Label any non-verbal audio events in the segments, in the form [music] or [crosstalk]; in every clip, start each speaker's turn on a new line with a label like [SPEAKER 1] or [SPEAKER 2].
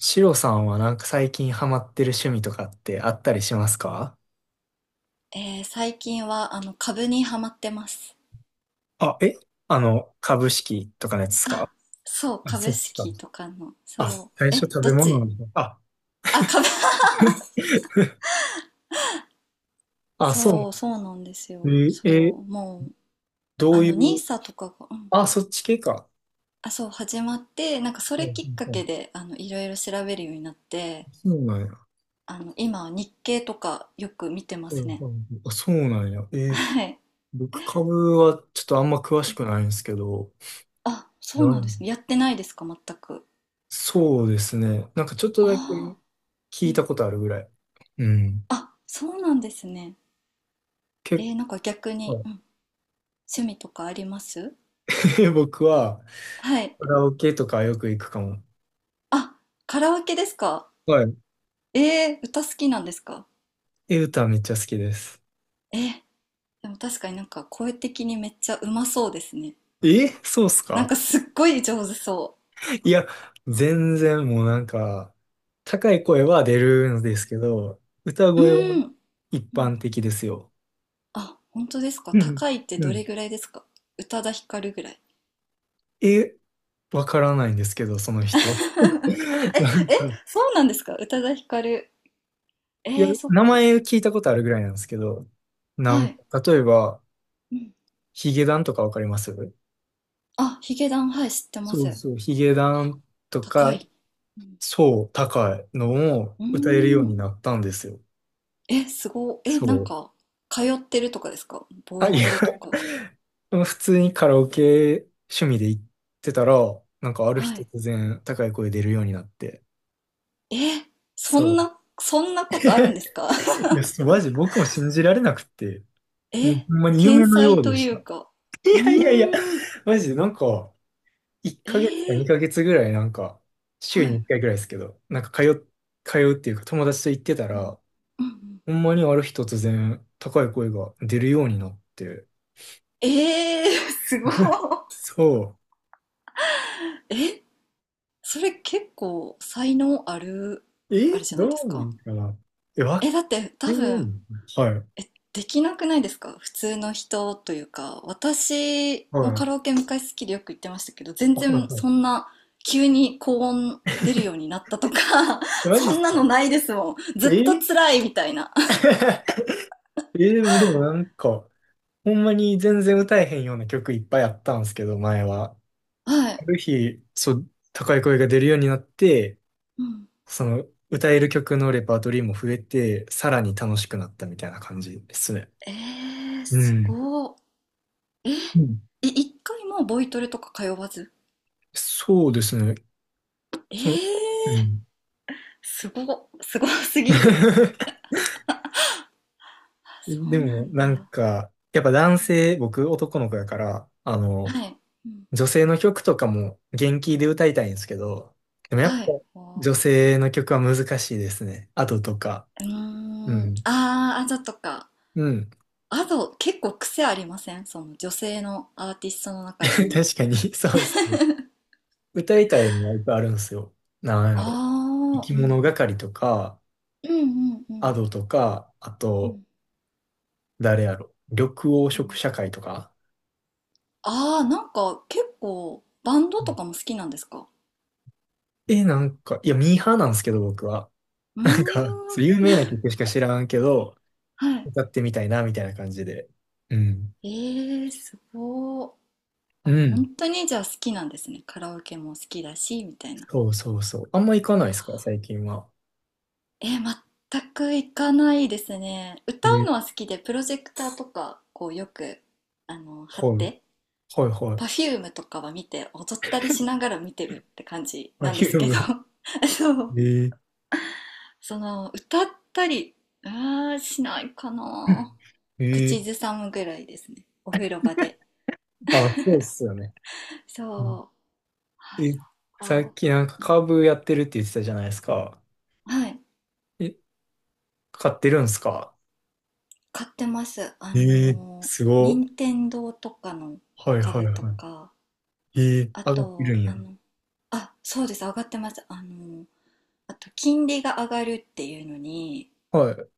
[SPEAKER 1] シロさんはなんか最近ハマってる趣味とかってあったりしますか？
[SPEAKER 2] 最近は株にハマってます。
[SPEAKER 1] あ、え。株式とかのやつですか？
[SPEAKER 2] そう、
[SPEAKER 1] あ、そ
[SPEAKER 2] 株
[SPEAKER 1] っちか。
[SPEAKER 2] 式とかの。そ
[SPEAKER 1] あ、
[SPEAKER 2] う。
[SPEAKER 1] 最初
[SPEAKER 2] え、
[SPEAKER 1] 食
[SPEAKER 2] ど
[SPEAKER 1] べ
[SPEAKER 2] っ
[SPEAKER 1] 物な
[SPEAKER 2] ち？
[SPEAKER 1] んだ。あ、
[SPEAKER 2] あ、株。 [laughs]
[SPEAKER 1] あ、そう。
[SPEAKER 2] そう、そうなんです
[SPEAKER 1] え
[SPEAKER 2] よ。
[SPEAKER 1] ー、え
[SPEAKER 2] そ
[SPEAKER 1] ー
[SPEAKER 2] う、もう、
[SPEAKER 1] どうい
[SPEAKER 2] ニー
[SPEAKER 1] う、
[SPEAKER 2] サとかが、うん。
[SPEAKER 1] あ、そっち系か。
[SPEAKER 2] あ、そう、始まって、なんかそ
[SPEAKER 1] うん
[SPEAKER 2] れ
[SPEAKER 1] うん
[SPEAKER 2] きっか
[SPEAKER 1] う
[SPEAKER 2] け
[SPEAKER 1] ん、
[SPEAKER 2] で、いろいろ調べるようになって、
[SPEAKER 1] そうなんや。
[SPEAKER 2] 今は日経とかよく見てま
[SPEAKER 1] うん
[SPEAKER 2] すね。
[SPEAKER 1] うんうん、あ、そうなんや。
[SPEAKER 2] はい。
[SPEAKER 1] 僕株はちょっとあんま詳しくないんですけど、
[SPEAKER 2] あ、そう
[SPEAKER 1] な
[SPEAKER 2] なんで
[SPEAKER 1] ん
[SPEAKER 2] すね。やってないですか、全く。
[SPEAKER 1] そうですね。なんかちょっと
[SPEAKER 2] あ
[SPEAKER 1] だけ
[SPEAKER 2] あ、
[SPEAKER 1] 聞
[SPEAKER 2] う
[SPEAKER 1] いた
[SPEAKER 2] ん。
[SPEAKER 1] ことあるぐらい。うん。
[SPEAKER 2] あ、そうなんですね。
[SPEAKER 1] 結
[SPEAKER 2] なんか逆に、
[SPEAKER 1] 構、
[SPEAKER 2] うん、趣味とかあります？
[SPEAKER 1] [laughs] 僕は、
[SPEAKER 2] はい。
[SPEAKER 1] カラオケとかよく行くかも。
[SPEAKER 2] あ、カラオケですか？
[SPEAKER 1] はい。
[SPEAKER 2] えー、歌好きなんですか？
[SPEAKER 1] え、歌めっちゃ好きです。
[SPEAKER 2] えー、でも確かになんか声的にめっちゃうまそうですね。
[SPEAKER 1] え、そうっす
[SPEAKER 2] なん
[SPEAKER 1] か？
[SPEAKER 2] かすっごい上手そ
[SPEAKER 1] いや、全然もうなんか、高い声は出るん
[SPEAKER 2] う。う
[SPEAKER 1] で
[SPEAKER 2] ん。
[SPEAKER 1] すけど、歌
[SPEAKER 2] う
[SPEAKER 1] 声は
[SPEAKER 2] ーん。
[SPEAKER 1] 一
[SPEAKER 2] うん。
[SPEAKER 1] 般的ですよ。
[SPEAKER 2] あ、本当ですか？
[SPEAKER 1] うん。
[SPEAKER 2] 高いって
[SPEAKER 1] う
[SPEAKER 2] どれ
[SPEAKER 1] ん。
[SPEAKER 2] ぐらいですか？宇多田ヒカルぐらい。
[SPEAKER 1] え、わからないんですけど、その
[SPEAKER 2] [laughs] え、
[SPEAKER 1] 人。[laughs] なん
[SPEAKER 2] え、
[SPEAKER 1] か、
[SPEAKER 2] そうなんですか、宇多田ヒカル。
[SPEAKER 1] いや、
[SPEAKER 2] えー、そっ
[SPEAKER 1] 名
[SPEAKER 2] か。
[SPEAKER 1] 前聞いたことあるぐらいなんですけど、なん
[SPEAKER 2] はい。
[SPEAKER 1] か、例えば、
[SPEAKER 2] うん。
[SPEAKER 1] ヒゲダンとかわかります？
[SPEAKER 2] あ、ヒゲダン、はい、知ってま
[SPEAKER 1] そう
[SPEAKER 2] す。
[SPEAKER 1] そう、ヒゲダンと
[SPEAKER 2] 高
[SPEAKER 1] か、
[SPEAKER 2] い。うん。
[SPEAKER 1] そう、高いのを
[SPEAKER 2] うー
[SPEAKER 1] 歌えるよう
[SPEAKER 2] ん。
[SPEAKER 1] になったんですよ。
[SPEAKER 2] え、すごい。え、
[SPEAKER 1] そ
[SPEAKER 2] なん
[SPEAKER 1] う。
[SPEAKER 2] か、通ってるとかですか、ボ
[SPEAKER 1] あ、
[SPEAKER 2] イ
[SPEAKER 1] いや、
[SPEAKER 2] トレとか。
[SPEAKER 1] [laughs] 普通にカラオケ趣味で行ってたら、なんかある日
[SPEAKER 2] はい。
[SPEAKER 1] 突然高い声出るようになって。
[SPEAKER 2] え、そ
[SPEAKER 1] そ
[SPEAKER 2] ん
[SPEAKER 1] う。
[SPEAKER 2] な、そんなことあるんですか？
[SPEAKER 1] [laughs] いや、そうマジ僕も信じられなくて、
[SPEAKER 2] [laughs]
[SPEAKER 1] もう
[SPEAKER 2] え、
[SPEAKER 1] ほんまに
[SPEAKER 2] 天
[SPEAKER 1] 夢のよ
[SPEAKER 2] 才
[SPEAKER 1] う
[SPEAKER 2] と
[SPEAKER 1] でし
[SPEAKER 2] い
[SPEAKER 1] た。
[SPEAKER 2] うか。
[SPEAKER 1] [laughs] い
[SPEAKER 2] う
[SPEAKER 1] やいやいや、
[SPEAKER 2] ーん。
[SPEAKER 1] マジでなんか、1
[SPEAKER 2] え
[SPEAKER 1] ヶ月か
[SPEAKER 2] ー、
[SPEAKER 1] 2ヶ月ぐらいなんか、週
[SPEAKER 2] は
[SPEAKER 1] に
[SPEAKER 2] い。
[SPEAKER 1] 1回ぐらいですけど、通うっていうか友達と行ってた
[SPEAKER 2] うん
[SPEAKER 1] ら、
[SPEAKER 2] うんうん。
[SPEAKER 1] ほんまにある日突然高い声が出るようになって、
[SPEAKER 2] えー、[laughs] すごい。
[SPEAKER 1] そ
[SPEAKER 2] え、それ結構才能ある、
[SPEAKER 1] う。え、
[SPEAKER 2] あれじゃないで
[SPEAKER 1] ど
[SPEAKER 2] す
[SPEAKER 1] うな
[SPEAKER 2] か。
[SPEAKER 1] んかな？え、若
[SPEAKER 2] え、だって多
[SPEAKER 1] い
[SPEAKER 2] 分、
[SPEAKER 1] ね。はい。
[SPEAKER 2] え、できなくないですか、普通の人というか。私も
[SPEAKER 1] は
[SPEAKER 2] カ
[SPEAKER 1] い。
[SPEAKER 2] ラオケ昔好きでよく行ってましたけど、全
[SPEAKER 1] あ、はい
[SPEAKER 2] 然
[SPEAKER 1] は
[SPEAKER 2] そ
[SPEAKER 1] い。
[SPEAKER 2] んな急に高音出るようになったとか、
[SPEAKER 1] え、
[SPEAKER 2] [laughs]
[SPEAKER 1] マジ
[SPEAKER 2] そ
[SPEAKER 1] っす
[SPEAKER 2] んなの
[SPEAKER 1] か？
[SPEAKER 2] ないですもん。ずっと
[SPEAKER 1] え、
[SPEAKER 2] 辛いみたいな。
[SPEAKER 1] [laughs] え、でも、なんか、ほんまに全然歌えへんような曲いっぱいあったんですけど、前は。
[SPEAKER 2] は
[SPEAKER 1] あ
[SPEAKER 2] い。
[SPEAKER 1] る日、そう、高い声が出るようになって、
[SPEAKER 2] うん。
[SPEAKER 1] その、歌える曲のレパートリーも増えて、さらに楽しくなったみたいな感じですね。
[SPEAKER 2] えー、
[SPEAKER 1] う
[SPEAKER 2] す
[SPEAKER 1] ん。
[SPEAKER 2] ご
[SPEAKER 1] うん、
[SPEAKER 2] い。い、一回もボイトレとか通わず。
[SPEAKER 1] そうですね。
[SPEAKER 2] え
[SPEAKER 1] その、う
[SPEAKER 2] ー、
[SPEAKER 1] ん。
[SPEAKER 2] すご、すごすぎる。
[SPEAKER 1] [laughs]
[SPEAKER 2] あ、そ
[SPEAKER 1] で
[SPEAKER 2] うな
[SPEAKER 1] も、
[SPEAKER 2] ん
[SPEAKER 1] なん
[SPEAKER 2] だ。
[SPEAKER 1] か、やっぱ男性、僕男の子やから、あの、
[SPEAKER 2] はい。うん、
[SPEAKER 1] 女性の曲とかも元気で歌いたいんですけど、でもやっぱ
[SPEAKER 2] はい。おー。
[SPEAKER 1] 女性の曲は難しいですね。アドとか。
[SPEAKER 2] うー
[SPEAKER 1] う
[SPEAKER 2] ん。
[SPEAKER 1] ん。
[SPEAKER 2] あー、あざとか。
[SPEAKER 1] うん。
[SPEAKER 2] アド、結構癖ありません、その女性のアーティストの
[SPEAKER 1] [laughs]
[SPEAKER 2] 中でも。
[SPEAKER 1] 確かに、そうですね。歌いたいのはいっぱいあるんですよ。なん
[SPEAKER 2] あ
[SPEAKER 1] やろ。生
[SPEAKER 2] あ、
[SPEAKER 1] き
[SPEAKER 2] うん
[SPEAKER 1] 物
[SPEAKER 2] うん。
[SPEAKER 1] 係とか、
[SPEAKER 2] うんうんう
[SPEAKER 1] ア
[SPEAKER 2] ん
[SPEAKER 1] ドとか、あ
[SPEAKER 2] う
[SPEAKER 1] と、
[SPEAKER 2] ん
[SPEAKER 1] 誰やろ。緑黄
[SPEAKER 2] う
[SPEAKER 1] 色
[SPEAKER 2] ん。
[SPEAKER 1] 社会とか。
[SPEAKER 2] ああ、なんか結構バンド
[SPEAKER 1] う
[SPEAKER 2] と
[SPEAKER 1] ん、
[SPEAKER 2] かも好きなんですか？
[SPEAKER 1] え、なんか、いや、ミーハーなんですけど、僕は。
[SPEAKER 2] うー
[SPEAKER 1] なんか、そう
[SPEAKER 2] ん。
[SPEAKER 1] 有名な曲しか知らんけど、
[SPEAKER 2] はい。
[SPEAKER 1] 歌ってみたいな、みたいな感じで。うん。
[SPEAKER 2] ええ、すごー。あ、
[SPEAKER 1] う
[SPEAKER 2] もう本
[SPEAKER 1] ん。
[SPEAKER 2] 当にじゃあ好きなんですね。カラオケも好きだし、みたいな。
[SPEAKER 1] そうそうそう。あんま行かないですか、最近は。
[SPEAKER 2] えー、全く行かないですね。
[SPEAKER 1] え
[SPEAKER 2] 歌う
[SPEAKER 1] ー、
[SPEAKER 2] のは好きで、プロジェクターとか、こうよく、貼っ
[SPEAKER 1] はい。
[SPEAKER 2] て、
[SPEAKER 1] はいはい。
[SPEAKER 2] Perfume とかは見て踊ったりしながら見てるって感じ
[SPEAKER 1] あ、
[SPEAKER 2] なんで
[SPEAKER 1] ヒュ
[SPEAKER 2] す
[SPEAKER 1] ー
[SPEAKER 2] けど。
[SPEAKER 1] ム。
[SPEAKER 2] [laughs] そう、
[SPEAKER 1] えー、
[SPEAKER 2] その歌ったり、あー、しないかな。
[SPEAKER 1] [laughs] えー、
[SPEAKER 2] 口ずさむぐらいですね、お風呂場で。
[SPEAKER 1] あ、そうっすよね。うん。
[SPEAKER 2] そう、あ、
[SPEAKER 1] え、
[SPEAKER 2] そ
[SPEAKER 1] さ
[SPEAKER 2] っ
[SPEAKER 1] っ
[SPEAKER 2] か。
[SPEAKER 1] きなんかカーブやってるって言ってたじゃないですか。
[SPEAKER 2] はい、
[SPEAKER 1] え、買ってるんすか？
[SPEAKER 2] 買ってます。
[SPEAKER 1] えすご。
[SPEAKER 2] 任天堂とかの
[SPEAKER 1] はいはい
[SPEAKER 2] 株と
[SPEAKER 1] は
[SPEAKER 2] か。
[SPEAKER 1] い。
[SPEAKER 2] あ
[SPEAKER 1] 上がって
[SPEAKER 2] と
[SPEAKER 1] るんや。
[SPEAKER 2] あ、そうです、上がってます。あと金利が上がるっていうのに、
[SPEAKER 1] はい。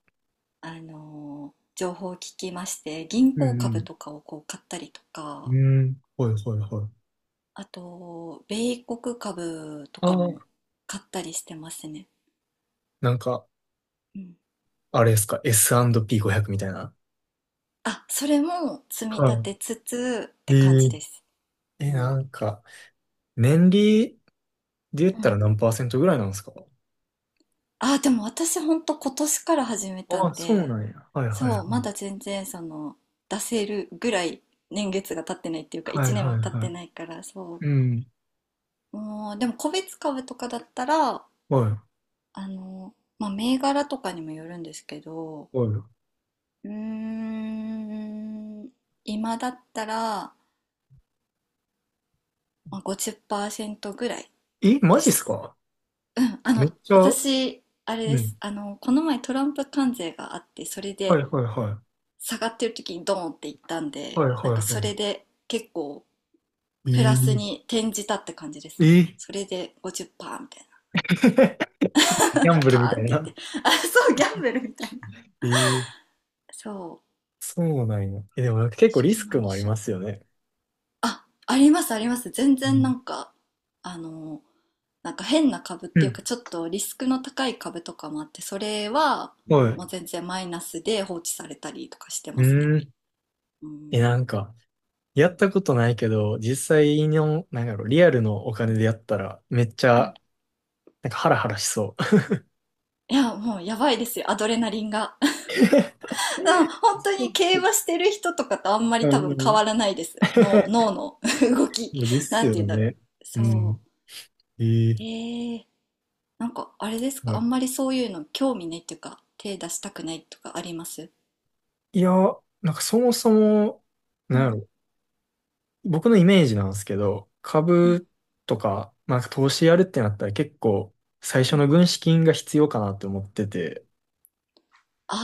[SPEAKER 2] 情報を聞きまして、銀
[SPEAKER 1] う
[SPEAKER 2] 行株
[SPEAKER 1] ん
[SPEAKER 2] とかをこう買ったりと
[SPEAKER 1] うん。
[SPEAKER 2] か。
[SPEAKER 1] うん。はいはいはい。
[SPEAKER 2] あと米国株と
[SPEAKER 1] あ
[SPEAKER 2] かも
[SPEAKER 1] あ。
[SPEAKER 2] 買ったりしてますね、
[SPEAKER 1] なんか、
[SPEAKER 2] うん。
[SPEAKER 1] あれですか、 S&P500 みたいな。
[SPEAKER 2] あ、それも積み立
[SPEAKER 1] は
[SPEAKER 2] てつつっ
[SPEAKER 1] い。
[SPEAKER 2] て
[SPEAKER 1] え
[SPEAKER 2] 感じです、
[SPEAKER 1] え。え、
[SPEAKER 2] う
[SPEAKER 1] な
[SPEAKER 2] ん、
[SPEAKER 1] んか、年利で言
[SPEAKER 2] う
[SPEAKER 1] ったら
[SPEAKER 2] ん。
[SPEAKER 1] 何パーセントぐらいなんですか？
[SPEAKER 2] あ、でも私ほんと今年から始めた
[SPEAKER 1] ああ、
[SPEAKER 2] ん
[SPEAKER 1] そう
[SPEAKER 2] で、
[SPEAKER 1] なんや。はいはい
[SPEAKER 2] そ
[SPEAKER 1] は
[SPEAKER 2] うまだ
[SPEAKER 1] い。
[SPEAKER 2] 全然その出せるぐらい年月が経ってないっていうか
[SPEAKER 1] は
[SPEAKER 2] 1
[SPEAKER 1] い
[SPEAKER 2] 年
[SPEAKER 1] は
[SPEAKER 2] は
[SPEAKER 1] い
[SPEAKER 2] 経っ
[SPEAKER 1] は
[SPEAKER 2] て
[SPEAKER 1] い、
[SPEAKER 2] ないから、そ
[SPEAKER 1] うん。
[SPEAKER 2] うもう、でも個別株とかだったら
[SPEAKER 1] はい。
[SPEAKER 2] あの、まあ、銘柄とかにもよるんですけど、
[SPEAKER 1] は
[SPEAKER 2] うーん、今だったら、まあ、50%ぐらい
[SPEAKER 1] い。え、マ
[SPEAKER 2] で
[SPEAKER 1] ジっす
[SPEAKER 2] す。
[SPEAKER 1] か？
[SPEAKER 2] うん、
[SPEAKER 1] めっちゃ、
[SPEAKER 2] 私、あれ
[SPEAKER 1] う
[SPEAKER 2] で
[SPEAKER 1] ん。
[SPEAKER 2] す。この前トランプ関税があって、それ
[SPEAKER 1] は
[SPEAKER 2] で
[SPEAKER 1] いはいはい。
[SPEAKER 2] 下がってる時にドーンっていったんで、
[SPEAKER 1] はいは
[SPEAKER 2] なんか
[SPEAKER 1] い
[SPEAKER 2] そ
[SPEAKER 1] は
[SPEAKER 2] れで結構
[SPEAKER 1] い。
[SPEAKER 2] プラスに転じたって感じで
[SPEAKER 1] え
[SPEAKER 2] すね。
[SPEAKER 1] ー
[SPEAKER 2] それで50%みたいな。
[SPEAKER 1] [laughs] ちょっとギャン
[SPEAKER 2] [laughs]
[SPEAKER 1] ブル
[SPEAKER 2] パ
[SPEAKER 1] み
[SPEAKER 2] ー
[SPEAKER 1] た
[SPEAKER 2] ン
[SPEAKER 1] い
[SPEAKER 2] って言
[SPEAKER 1] な。
[SPEAKER 2] って。あ、そう、ギャンブルみたいな。
[SPEAKER 1] えー、
[SPEAKER 2] そ
[SPEAKER 1] そうなんや。え、でもなんか結
[SPEAKER 2] う、
[SPEAKER 1] 構
[SPEAKER 2] そ
[SPEAKER 1] リ
[SPEAKER 2] う
[SPEAKER 1] ス
[SPEAKER 2] な
[SPEAKER 1] ク
[SPEAKER 2] んで
[SPEAKER 1] もあり
[SPEAKER 2] すよ。
[SPEAKER 1] ますよね。
[SPEAKER 2] あ、ありますあります。全
[SPEAKER 1] う
[SPEAKER 2] 然な
[SPEAKER 1] ん
[SPEAKER 2] んか、あの、なんか変な株っ
[SPEAKER 1] う
[SPEAKER 2] ていう
[SPEAKER 1] ん。
[SPEAKER 2] か、ちょっとリスクの高い株とかもあって、それは
[SPEAKER 1] はい。
[SPEAKER 2] もう全然マイナスで放置されたりとかしてますね。
[SPEAKER 1] うん。
[SPEAKER 2] う
[SPEAKER 1] え、
[SPEAKER 2] ん。
[SPEAKER 1] なんか、や
[SPEAKER 2] う
[SPEAKER 1] っ
[SPEAKER 2] ん
[SPEAKER 1] たことないけど、実際の、なんやろう、リアルのお
[SPEAKER 2] う
[SPEAKER 1] 金でやったら、めっちゃ、
[SPEAKER 2] ん。
[SPEAKER 1] なんかハラハラしそう。
[SPEAKER 2] いや、もうやばいですよ、アドレナリンが。[laughs] うん、本当
[SPEAKER 1] そう
[SPEAKER 2] に
[SPEAKER 1] っす
[SPEAKER 2] 競
[SPEAKER 1] ね。
[SPEAKER 2] 馬してる人とかとあんま
[SPEAKER 1] う
[SPEAKER 2] り多
[SPEAKER 1] んう
[SPEAKER 2] 分変
[SPEAKER 1] ん。
[SPEAKER 2] わらないです。脳の [laughs] 動
[SPEAKER 1] [laughs]
[SPEAKER 2] き。
[SPEAKER 1] で
[SPEAKER 2] なん
[SPEAKER 1] す
[SPEAKER 2] て言う
[SPEAKER 1] よ
[SPEAKER 2] んだろう。
[SPEAKER 1] ね。う
[SPEAKER 2] そ
[SPEAKER 1] ん。ええ。
[SPEAKER 2] う。へえ。なんかあれです
[SPEAKER 1] は
[SPEAKER 2] か、あ
[SPEAKER 1] い。
[SPEAKER 2] んまりそういうの興味ないっていうか、手出したくないとかあります？
[SPEAKER 1] いや、なんかそもそも、
[SPEAKER 2] う
[SPEAKER 1] なんや
[SPEAKER 2] ん、
[SPEAKER 1] ろ、僕のイメージなんですけど、
[SPEAKER 2] うん、
[SPEAKER 1] 株とか、なんか投資やるってなったら結構、最
[SPEAKER 2] う
[SPEAKER 1] 初
[SPEAKER 2] ん。
[SPEAKER 1] の軍資金が必要かなって思ってて、
[SPEAKER 2] あ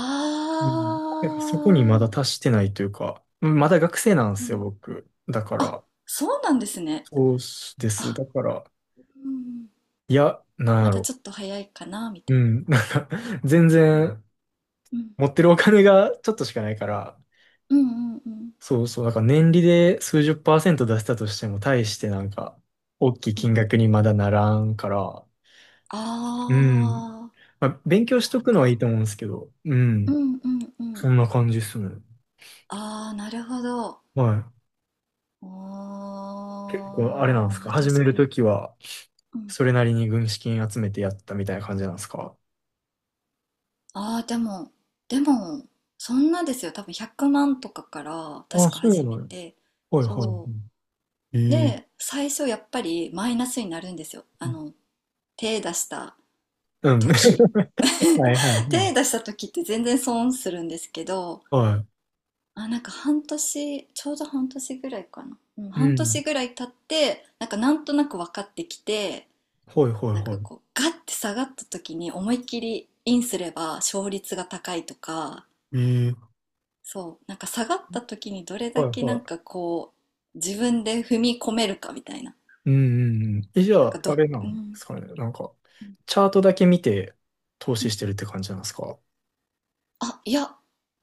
[SPEAKER 1] うん。そこにま
[SPEAKER 2] あ。
[SPEAKER 1] だ達してないというか、まだ学生なんで
[SPEAKER 2] う
[SPEAKER 1] すよ、
[SPEAKER 2] ん。
[SPEAKER 1] 僕。だか
[SPEAKER 2] あ、
[SPEAKER 1] ら、
[SPEAKER 2] そうなんですね。
[SPEAKER 1] そうです。
[SPEAKER 2] あ、
[SPEAKER 1] だから、
[SPEAKER 2] うん。
[SPEAKER 1] いや、なんや
[SPEAKER 2] また
[SPEAKER 1] ろ
[SPEAKER 2] ちょっと早いかな、み
[SPEAKER 1] う。
[SPEAKER 2] た
[SPEAKER 1] う
[SPEAKER 2] いな。
[SPEAKER 1] ん。[laughs] なんか、全
[SPEAKER 2] うん、
[SPEAKER 1] 然、
[SPEAKER 2] うん。
[SPEAKER 1] 持ってるお金がちょっとしかないから、
[SPEAKER 2] うんうんうん。
[SPEAKER 1] そうそう。なんか年利で数十パーセント出したとしても、大してなんか、大きい
[SPEAKER 2] う
[SPEAKER 1] 金
[SPEAKER 2] ん。
[SPEAKER 1] 額にまだならんから、うん。
[SPEAKER 2] あ
[SPEAKER 1] まあ、勉強し
[SPEAKER 2] あ、
[SPEAKER 1] とくのはいい
[SPEAKER 2] か。
[SPEAKER 1] と思うんですけど、う
[SPEAKER 2] う
[SPEAKER 1] ん。
[SPEAKER 2] んうん。
[SPEAKER 1] そんな感じっすね。
[SPEAKER 2] ああ、なるほど。
[SPEAKER 1] は
[SPEAKER 2] あ
[SPEAKER 1] い。こう、あれな
[SPEAKER 2] ー、
[SPEAKER 1] んです
[SPEAKER 2] ま
[SPEAKER 1] か？
[SPEAKER 2] あ
[SPEAKER 1] 始め
[SPEAKER 2] 確
[SPEAKER 1] る
[SPEAKER 2] かに。
[SPEAKER 1] ときは、
[SPEAKER 2] うん。
[SPEAKER 1] それなりに軍資金集めてやったみたいな感じなんですか？
[SPEAKER 2] ああ、でも、でも、そんなですよ。多分100万とかから、
[SPEAKER 1] あ、
[SPEAKER 2] 確か
[SPEAKER 1] そうな
[SPEAKER 2] 始
[SPEAKER 1] の。
[SPEAKER 2] めて、
[SPEAKER 1] はいはい。
[SPEAKER 2] そう。
[SPEAKER 1] ええー、
[SPEAKER 2] で、最初やっぱりマイナスになるんですよ。手出した
[SPEAKER 1] うん。[laughs]
[SPEAKER 2] 時。
[SPEAKER 1] はいはいは
[SPEAKER 2] [laughs] 手出
[SPEAKER 1] い。
[SPEAKER 2] した時って全然損するんですけど、
[SPEAKER 1] は
[SPEAKER 2] あ、なんか半年、ちょうど半年ぐらいかな。うん、
[SPEAKER 1] い。う
[SPEAKER 2] 半
[SPEAKER 1] ん。
[SPEAKER 2] 年ぐらい経って、なんかなんとなく分かってきて、
[SPEAKER 1] はいはい
[SPEAKER 2] なん
[SPEAKER 1] は
[SPEAKER 2] か
[SPEAKER 1] い。
[SPEAKER 2] こう、ガッて下がった時に思いっきりインすれば勝率が高いとか、
[SPEAKER 1] ええ、
[SPEAKER 2] そう、なんか下がった時にどれ
[SPEAKER 1] は
[SPEAKER 2] だ
[SPEAKER 1] い
[SPEAKER 2] けな
[SPEAKER 1] は
[SPEAKER 2] んか
[SPEAKER 1] い。
[SPEAKER 2] こう、自分で踏み込めるかみたいな。
[SPEAKER 1] うんうんうん。え、じゃ
[SPEAKER 2] なん
[SPEAKER 1] あ、
[SPEAKER 2] か
[SPEAKER 1] あ
[SPEAKER 2] ど、
[SPEAKER 1] れな
[SPEAKER 2] う
[SPEAKER 1] んで
[SPEAKER 2] ん、
[SPEAKER 1] すかね。なんか、
[SPEAKER 2] うん、
[SPEAKER 1] チャートだけ見て投
[SPEAKER 2] う
[SPEAKER 1] 資し
[SPEAKER 2] ん。
[SPEAKER 1] てるって感じなんですか？
[SPEAKER 2] あ、いや、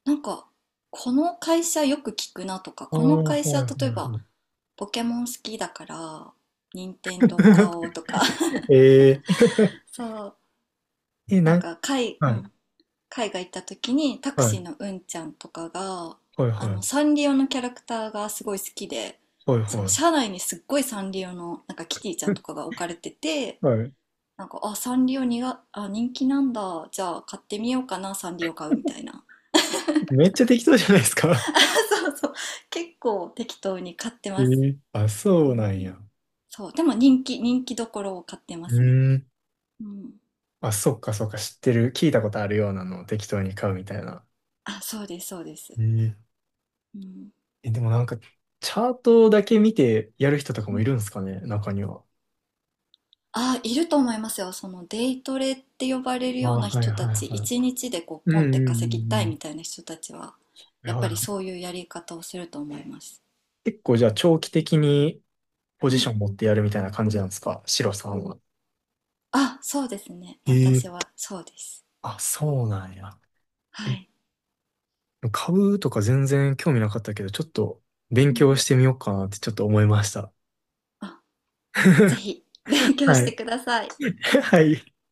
[SPEAKER 2] なんか、この会社よく聞くなとか、
[SPEAKER 1] ああ、
[SPEAKER 2] この
[SPEAKER 1] は
[SPEAKER 2] 会
[SPEAKER 1] い
[SPEAKER 2] 社、例
[SPEAKER 1] は
[SPEAKER 2] え
[SPEAKER 1] い
[SPEAKER 2] ば、
[SPEAKER 1] はい。
[SPEAKER 2] ポケモン好きだから、任天堂買おうとか、[laughs]
[SPEAKER 1] [laughs] え、
[SPEAKER 2] そう、
[SPEAKER 1] ええ、なん、
[SPEAKER 2] う
[SPEAKER 1] はい
[SPEAKER 2] ん、海外行った時に、タク
[SPEAKER 1] は
[SPEAKER 2] シー
[SPEAKER 1] い
[SPEAKER 2] のうんちゃんとかが、
[SPEAKER 1] はい、はい
[SPEAKER 2] サンリオのキャラクターがすごい好きで、
[SPEAKER 1] はい
[SPEAKER 2] その
[SPEAKER 1] は
[SPEAKER 2] 車内にすっごいサンリオの、なんかキティちゃ
[SPEAKER 1] い。
[SPEAKER 2] んとかが置かれてて、
[SPEAKER 1] [laughs] はい。
[SPEAKER 2] なんか、あ、サンリオにが、あ、人気なんだ、じゃあ買ってみようかな、サンリオ買うみたいな。
[SPEAKER 1] めっちゃ適当じゃないですか。
[SPEAKER 2] そうそう。結構適当に買って
[SPEAKER 1] [laughs] え
[SPEAKER 2] ます。
[SPEAKER 1] え、あ、
[SPEAKER 2] う
[SPEAKER 1] そうなん
[SPEAKER 2] ん。
[SPEAKER 1] や。
[SPEAKER 2] そう。でも人気、人気どころを買ってま
[SPEAKER 1] う
[SPEAKER 2] すね。
[SPEAKER 1] ーん。
[SPEAKER 2] うん。
[SPEAKER 1] あ、そっかそっか、知ってる。聞いたことあるようなのを適当に買うみたいな。
[SPEAKER 2] あ、そうです、そうです。
[SPEAKER 1] えー
[SPEAKER 2] うん。
[SPEAKER 1] え、でもなんか、チャートだけ見てやる人とか
[SPEAKER 2] う
[SPEAKER 1] もいる
[SPEAKER 2] ん。
[SPEAKER 1] んですかね、中には。
[SPEAKER 2] あ、いると思いますよ。そのデイトレって呼ばれる
[SPEAKER 1] ああ、
[SPEAKER 2] ような
[SPEAKER 1] はい
[SPEAKER 2] 人
[SPEAKER 1] は
[SPEAKER 2] た
[SPEAKER 1] い
[SPEAKER 2] ち、
[SPEAKER 1] はい。
[SPEAKER 2] 一日でこう
[SPEAKER 1] う
[SPEAKER 2] ポ
[SPEAKER 1] ん
[SPEAKER 2] ン
[SPEAKER 1] う
[SPEAKER 2] っ
[SPEAKER 1] ん
[SPEAKER 2] て
[SPEAKER 1] う
[SPEAKER 2] 稼ぎ
[SPEAKER 1] ん
[SPEAKER 2] たい
[SPEAKER 1] う
[SPEAKER 2] み
[SPEAKER 1] ん。
[SPEAKER 2] たいな人たちは、
[SPEAKER 1] いや、
[SPEAKER 2] やっぱりそういうやり方をすると思います。
[SPEAKER 1] 結構じゃあ長期的にポ
[SPEAKER 2] う
[SPEAKER 1] ジショ
[SPEAKER 2] ん。
[SPEAKER 1] ン持ってやるみたいな感じなんですか、シロさんは？
[SPEAKER 2] あ、そうですね。
[SPEAKER 1] え
[SPEAKER 2] 私
[SPEAKER 1] え、
[SPEAKER 2] はそうです。
[SPEAKER 1] あ、そうなんや。え、
[SPEAKER 2] はい。
[SPEAKER 1] 株とか全然興味なかったけど、ちょっと勉
[SPEAKER 2] うん。
[SPEAKER 1] 強してみようかなってちょっと思いました。
[SPEAKER 2] あ、ぜひ勉強
[SPEAKER 1] は
[SPEAKER 2] して
[SPEAKER 1] い。
[SPEAKER 2] ください。
[SPEAKER 1] [laughs] はい。